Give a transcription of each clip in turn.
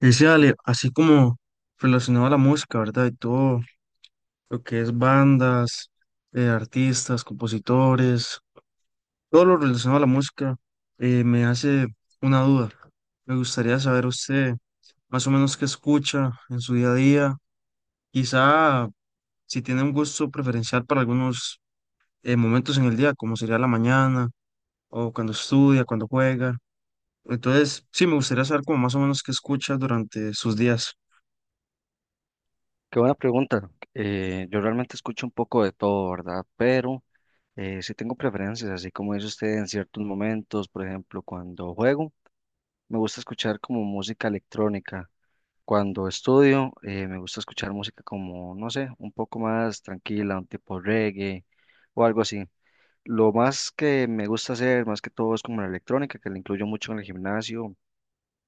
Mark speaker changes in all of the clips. Speaker 1: Y sí, Ale, así como relacionado a la música, ¿verdad? Y todo lo que es bandas, artistas, compositores, todo lo relacionado a la música, me hace una duda. Me gustaría saber usted más o menos qué escucha en su día a día, quizá si tiene un gusto preferencial para algunos momentos en el día, como sería la mañana o cuando estudia, cuando juega. Entonces, sí, me gustaría saber como más o menos qué escucha durante sus días.
Speaker 2: Qué buena pregunta. Yo realmente escucho un poco de todo, ¿verdad? Pero sí tengo preferencias, así como dice usted en ciertos momentos, por ejemplo, cuando juego, me gusta escuchar como música electrónica. Cuando estudio, me gusta escuchar música como, no sé, un poco más tranquila, un tipo reggae o algo así. Lo más que me gusta hacer, más que todo, es como la electrónica, que la incluyo mucho en el gimnasio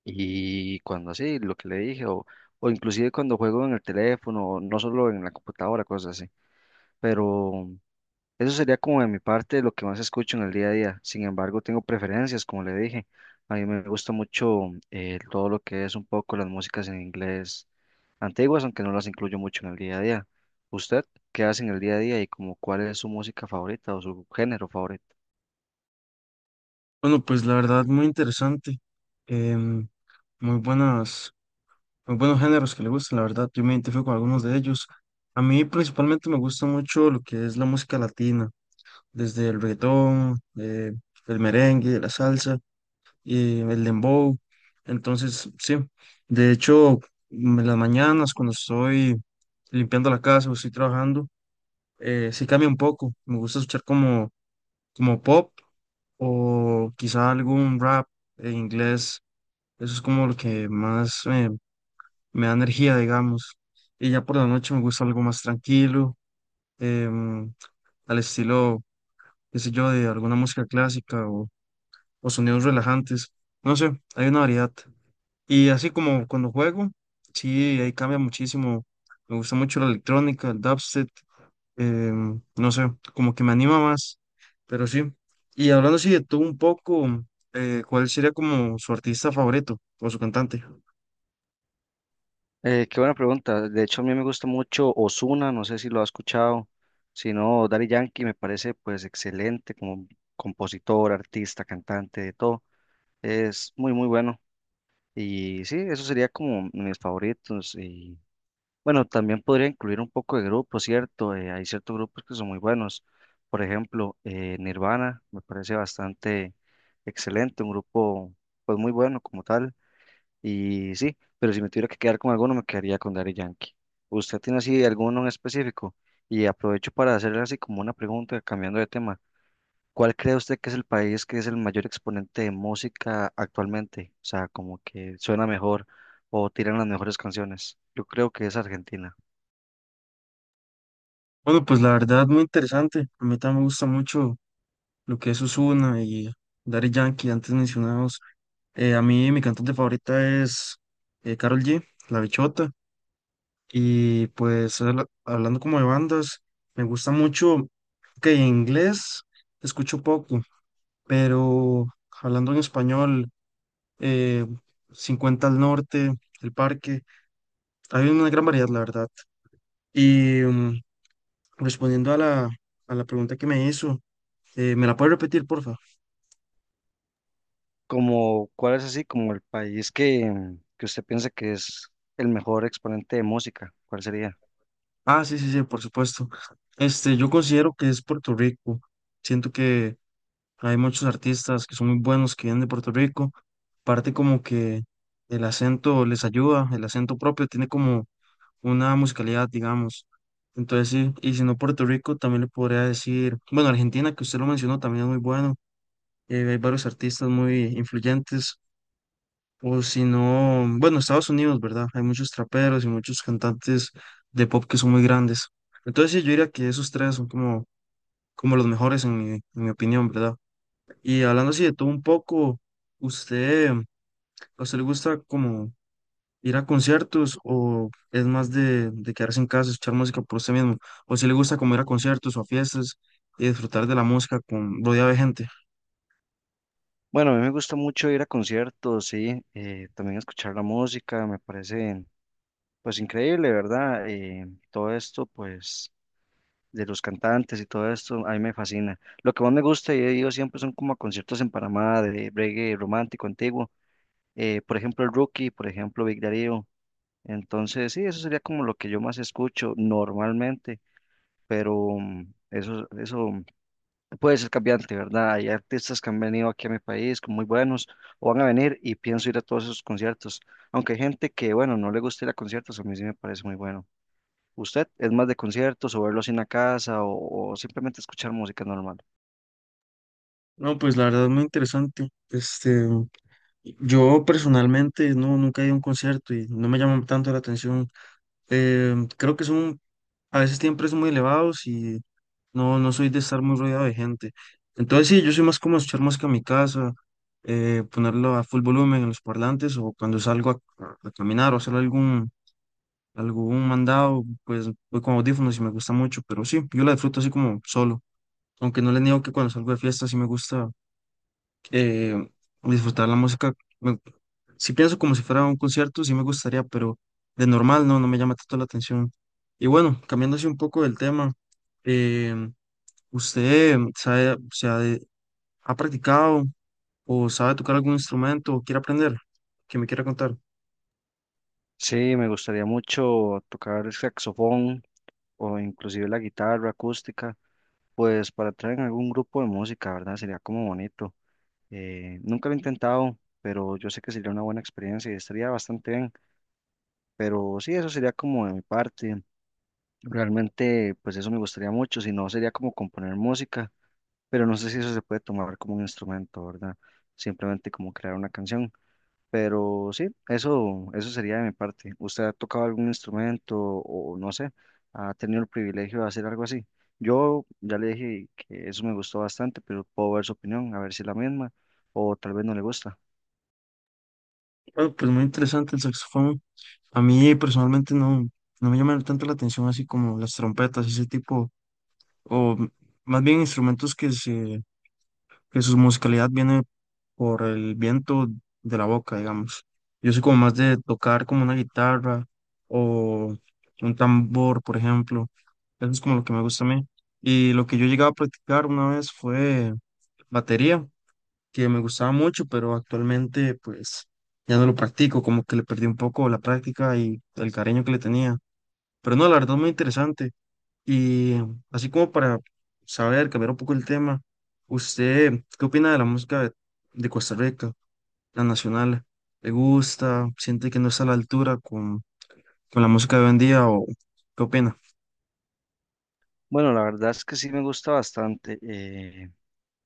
Speaker 2: y cuando así, lo que le dije, o inclusive cuando juego en el teléfono, no solo en la computadora, cosas así. Pero eso sería como de mi parte lo que más escucho en el día a día. Sin embargo, tengo preferencias, como le dije. A mí me gusta mucho todo lo que es un poco las músicas en inglés antiguas, aunque no las incluyo mucho en el día a día. ¿Usted qué hace en el día a día y como cuál es su música favorita o su género favorito?
Speaker 1: Bueno, pues la verdad, muy interesante. em, Muy buenas, muy buenos géneros que le gustan, la verdad. Yo me identifico con algunos de ellos. A mí principalmente me gusta mucho lo que es la música latina, desde el reggaetón, el merengue, la salsa, y el dembow. Entonces, sí, de hecho, en las mañanas cuando estoy limpiando la casa o estoy trabajando, sí cambia un poco. Me gusta escuchar como pop o quizá algún rap en inglés, eso es como lo que me da energía, digamos. Y ya por la noche me gusta algo más tranquilo, em, al estilo, qué sé yo, de alguna música clásica o sonidos relajantes. No sé, hay una variedad. Y así como cuando juego, sí, ahí cambia muchísimo. Me gusta mucho la electrónica, el dubstep, no sé, como que me anima más, pero sí. Y hablando así de tú un poco, ¿cuál sería como su artista favorito o su cantante?
Speaker 2: Qué buena pregunta. De hecho, a mí me gusta mucho Ozuna, no sé si lo ha escuchado. Si no, Daddy Yankee me parece pues excelente como compositor, artista, cantante, de todo. Es muy, muy bueno. Y sí, eso sería como mis favoritos. Y bueno, también podría incluir un poco de grupos, ¿cierto? Hay ciertos grupos que son muy buenos. Por ejemplo, Nirvana me parece bastante excelente, un grupo pues muy bueno como tal. Y sí, pero si me tuviera que quedar con alguno, me quedaría con Daddy Yankee. ¿Usted tiene así alguno en específico? Y aprovecho para hacerle así como una pregunta, cambiando de tema. ¿Cuál cree usted que es el país que es el mayor exponente de música actualmente? O sea, como que suena mejor o tiran las mejores canciones. Yo creo que es Argentina.
Speaker 1: Bueno, pues la verdad, muy interesante. A mí también me gusta mucho lo que es Ozuna y Daddy Yankee, antes mencionados. A mí, mi cantante favorita es Karol G, La Bichota. Y pues hablando como de bandas, me gusta mucho que en inglés escucho poco, pero hablando en español, eh, 50 al norte, El Parque, hay una gran variedad, la verdad. Y respondiendo a la pregunta que me hizo. ¿Me la puedes repetir, porfa?
Speaker 2: Como, ¿cuál es así como el país que usted piensa que es el mejor exponente de música? ¿Cuál sería?
Speaker 1: Ah, sí, sí, sí, por supuesto. Este, yo considero que es Puerto Rico. Siento que hay muchos artistas que son muy buenos que vienen de Puerto Rico. Parte como que el acento les ayuda, el acento propio tiene como una musicalidad, digamos. Entonces sí, y si no Puerto Rico, también le podría decir, bueno, Argentina, que usted lo mencionó, también es muy bueno. Hay varios artistas muy influyentes. O si no, bueno, Estados Unidos, ¿verdad? Hay muchos traperos y muchos cantantes de pop que son muy grandes. Entonces sí, yo diría que esos tres son como los mejores en mi opinión, ¿verdad? Y hablando así de todo un poco, ¿usted, a usted le gusta como ir a conciertos o es más de quedarse en casa, escuchar música por usted mismo? ¿O si le gusta como ir a conciertos o a fiestas y disfrutar de la música con rodeado de gente?
Speaker 2: Bueno, a mí me gusta mucho ir a conciertos, sí, también escuchar la música, me parece pues increíble, ¿verdad? Todo esto pues de los cantantes y todo esto, a mí me fascina. Lo que más me gusta y he ido siempre son como a conciertos en Panamá de reggae romántico antiguo, por ejemplo el Rookie, por ejemplo Big Darío. Entonces, sí, eso sería como lo que yo más escucho normalmente, pero mm, eso puede ser cambiante, ¿verdad? Hay artistas que han venido aquí a mi país como muy buenos o van a venir y pienso ir a todos esos conciertos. Aunque hay gente que, bueno, no le gusta ir a conciertos, a mí sí me parece muy bueno. ¿Usted es más de conciertos o verlos en la casa o simplemente escuchar música normal?
Speaker 1: No, pues la verdad es muy interesante. Este, yo personalmente no, nunca he ido a un concierto y no me llaman tanto la atención. Creo que son, a veces tienen precios muy elevados y no, no soy de estar muy rodeado de gente. Entonces sí, yo soy más como escuchar música en mi casa, ponerlo a full volumen en los parlantes o cuando a caminar o hacer algún mandado, pues voy con audífonos y me gusta mucho, pero sí, yo la disfruto así como solo. Aunque no le niego que cuando salgo de fiesta sí me gusta eh, disfrutar la música. me- si pienso como si fuera un concierto, sí me gustaría, pero de normal no, no me llama tanto la atención. Y bueno, cambiando así un poco del tema, em, ¿usted sabe, o sea, ha practicado o sabe tocar algún instrumento o quiere aprender? Que me quiera contar.
Speaker 2: Sí, me gustaría mucho tocar el saxofón o inclusive la guitarra acústica, pues para traer en algún grupo de música, ¿verdad? Sería como bonito. Nunca lo he intentado, pero yo sé que sería una buena experiencia y estaría bastante bien. Pero sí, eso sería como de mi parte. Realmente, pues eso me gustaría mucho, si no sería como componer música, pero no sé si eso se puede tomar como un instrumento, ¿verdad? Simplemente como crear una canción. Pero sí, eso sería de mi parte. ¿Usted ha tocado algún instrumento o no sé, ha tenido el privilegio de hacer algo así? Yo ya le dije que eso me gustó bastante, pero puedo ver su opinión, a ver si es la misma o tal vez no le gusta.
Speaker 1: Bueno, pues muy interesante el saxofón. A mí personalmente no, no me llama tanto la atención así como las trompetas, ese tipo, o m- más bien instrumentos que se que su musicalidad viene por el viento de la boca, digamos. Yo soy como más de tocar como una guitarra o un tambor, por ejemplo. Eso es como lo que me gusta a mí. Y lo que yo llegaba a practicar una vez fue batería, que me gustaba mucho, pero actualmente pues ya no lo practico, como que le perdí un poco la práctica y el cariño que le tenía. Pero no, la verdad es muy interesante. Y así como para saber, cambiar un poco el tema, ¿usted qué opina de la música de Costa Rica, la nacional? ¿Le gusta? ¿Siente que no está a la altura con la música de hoy en día o qué opina?
Speaker 2: Bueno, la verdad es que sí me gusta bastante.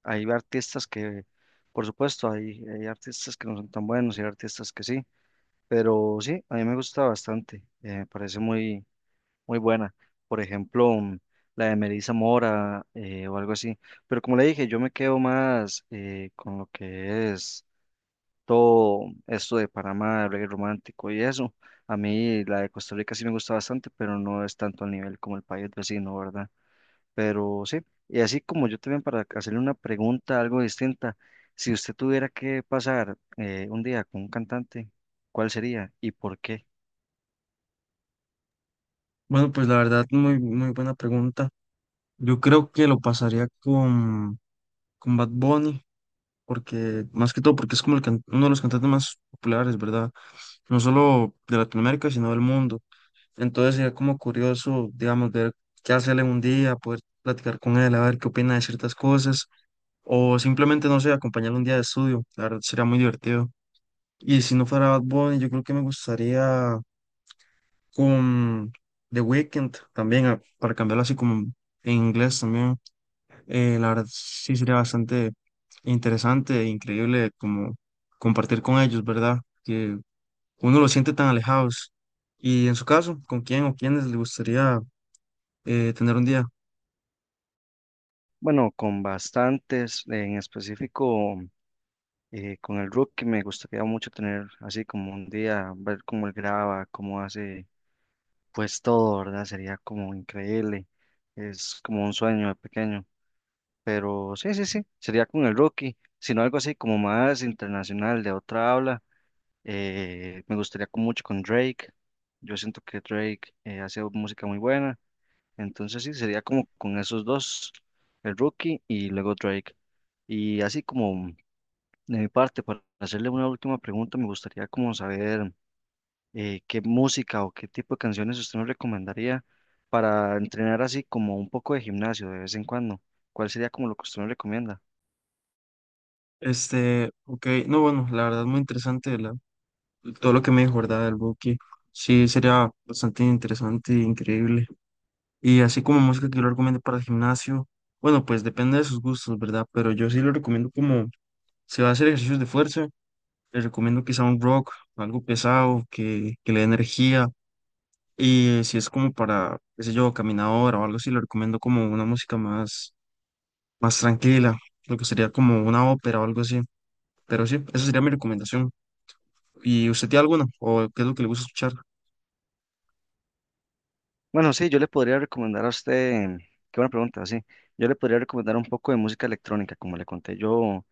Speaker 2: Hay artistas que, por supuesto, hay artistas que no son tan buenos y hay artistas que sí, pero sí, a mí me gusta bastante, me parece muy, muy buena. Por ejemplo, la de Melissa Mora o algo así. Pero como le dije, yo me quedo más con lo que es todo esto de Panamá, el reggae romántico y eso. A mí la de Costa Rica sí me gusta bastante, pero no es tanto al nivel como el país vecino, ¿verdad? Pero sí, y así como yo también para hacerle una pregunta algo distinta, si usted tuviera que pasar un día con un cantante, ¿cuál sería y por qué?
Speaker 1: Bueno, pues la verdad, muy, muy buena pregunta. Yo creo que lo pasaría con Bad Bunny, porque más que todo, porque es como uno de los cantantes más populares, ¿verdad? No solo de Latinoamérica, sino del mundo. Entonces sería como curioso, digamos, ver qué hace él en un día, poder platicar con él, a ver qué opina de ciertas cosas, o simplemente, no sé, acompañarlo un día de estudio. La verdad sería muy divertido. Y si no fuera Bad Bunny, yo creo que me gustaría con The Weeknd también, para cambiarlo así como en inglés también. La verdad sí sería bastante interesante e increíble como compartir con ellos, ¿verdad? Que uno lo siente tan alejados. Y en su caso, ¿con quién o quiénes le gustaría tener un día?
Speaker 2: Bueno, con bastantes, en específico con el Rookie me gustaría mucho tener así como un día, ver cómo él graba, cómo hace pues todo, ¿verdad? Sería como increíble, es como un sueño de pequeño, pero sí, sería con el Rookie, sino algo así como más internacional, de otra habla. Me gustaría mucho con Drake. Yo siento que Drake hace música muy buena. Entonces sí, sería como con esos dos, el Rookie y luego Drake. Y así como de mi parte, para hacerle una última pregunta, me gustaría como saber qué música o qué tipo de canciones usted nos recomendaría para entrenar así como un poco de gimnasio de vez en cuando. ¿Cuál sería como lo que usted nos recomienda?
Speaker 1: Este, ok, no, bueno, la verdad muy interesante todo lo que me dijo, ¿verdad? Del Buki. Sí, sería bastante interesante e increíble. Y así como música que yo lo recomiendo para el gimnasio, bueno, pues depende de sus gustos, ¿verdad? Pero yo sí lo recomiendo como, si va a hacer ejercicios de fuerza, le recomiendo quizá un rock, algo pesado, que le dé energía. Y si es como para, qué sé yo, caminadora o algo así, le recomiendo como una música más tranquila, lo que sería como una ópera o algo así. Pero sí, esa sería mi recomendación. ¿Y usted tiene alguna? ¿O qué es lo que le gusta escuchar?
Speaker 2: Bueno, sí, yo le podría recomendar a usted, qué buena pregunta, sí, yo le podría recomendar un poco de música electrónica, como le conté, yo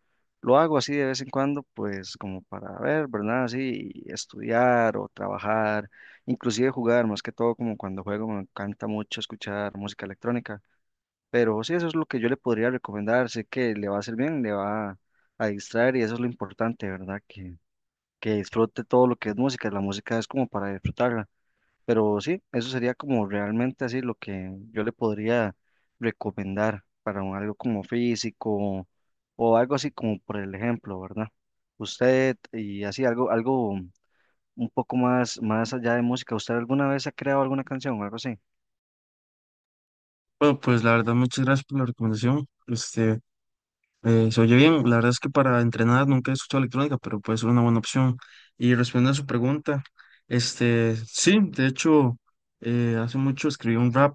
Speaker 2: lo hago así de vez en cuando, pues como para ver, ¿verdad? Así, y estudiar o trabajar, inclusive jugar, más que todo como cuando juego me encanta mucho escuchar música electrónica, pero sí, eso es lo que yo le podría recomendar, sé que le va a hacer bien, le va a distraer y eso es lo importante, ¿verdad? Que disfrute todo lo que es música, la música es como para disfrutarla. Pero sí, eso sería como realmente así lo que yo le podría recomendar para algo como físico o algo así como por el ejemplo, ¿verdad? Usted y así algo un poco más, más allá de música, ¿usted alguna vez ha creado alguna canción o algo así?
Speaker 1: Bueno, pues la verdad, muchas gracias por la recomendación. Este, se oye bien. La verdad es que para entrenar nunca he escuchado electrónica, pero puede ser una buena opción. Y respondiendo a su pregunta, este, sí, de hecho, hace mucho escribí un rap.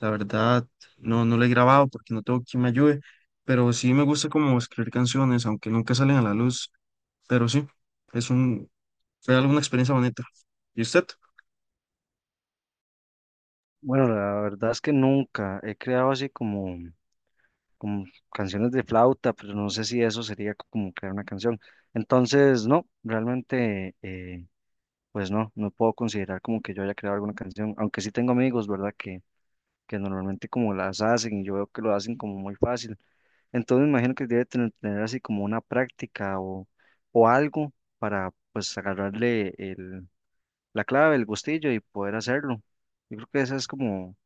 Speaker 1: La verdad, no, no lo he grabado porque no tengo quien me ayude, pero sí me gusta como escribir canciones, aunque nunca salen a la luz. Pero sí, es un, fue alguna experiencia bonita. ¿Y usted?
Speaker 2: Bueno, la verdad es que nunca he creado así como canciones de flauta, pero no sé si eso sería como crear una canción. Entonces, no, realmente pues no, no puedo considerar como que yo haya creado alguna canción, aunque sí tengo amigos, ¿verdad? Que normalmente como las hacen y yo veo que lo hacen como muy fácil. Entonces me imagino que debe tener así como una práctica o algo para pues agarrarle la clave, el gustillo y poder hacerlo. Yo creo que esa es como,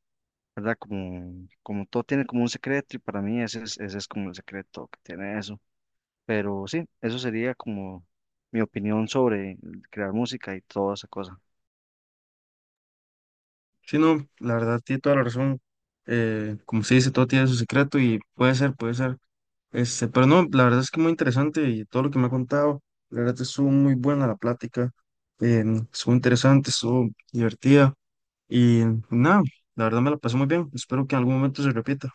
Speaker 2: ¿verdad? Como todo tiene como un secreto y para mí ese ese es como el secreto que tiene eso. Pero sí, eso sería como mi opinión sobre crear música y toda esa cosa.
Speaker 1: Sí, no, la verdad tiene toda la razón. Como se dice, todo tiene su secreto y puede ser, puede ser. Este, pero no, la verdad es que muy interesante y todo lo que me ha contado, la verdad estuvo muy buena la plática, estuvo interesante, estuvo divertida y nada, la verdad me la pasé muy bien. Espero que en algún momento se repita.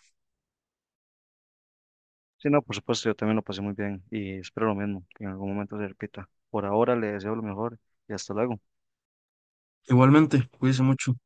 Speaker 2: Sí, no, por supuesto, yo también lo pasé muy bien y espero lo mismo, que en algún momento se repita. Por ahora le deseo lo mejor y hasta luego.
Speaker 1: Igualmente, cuídense mucho.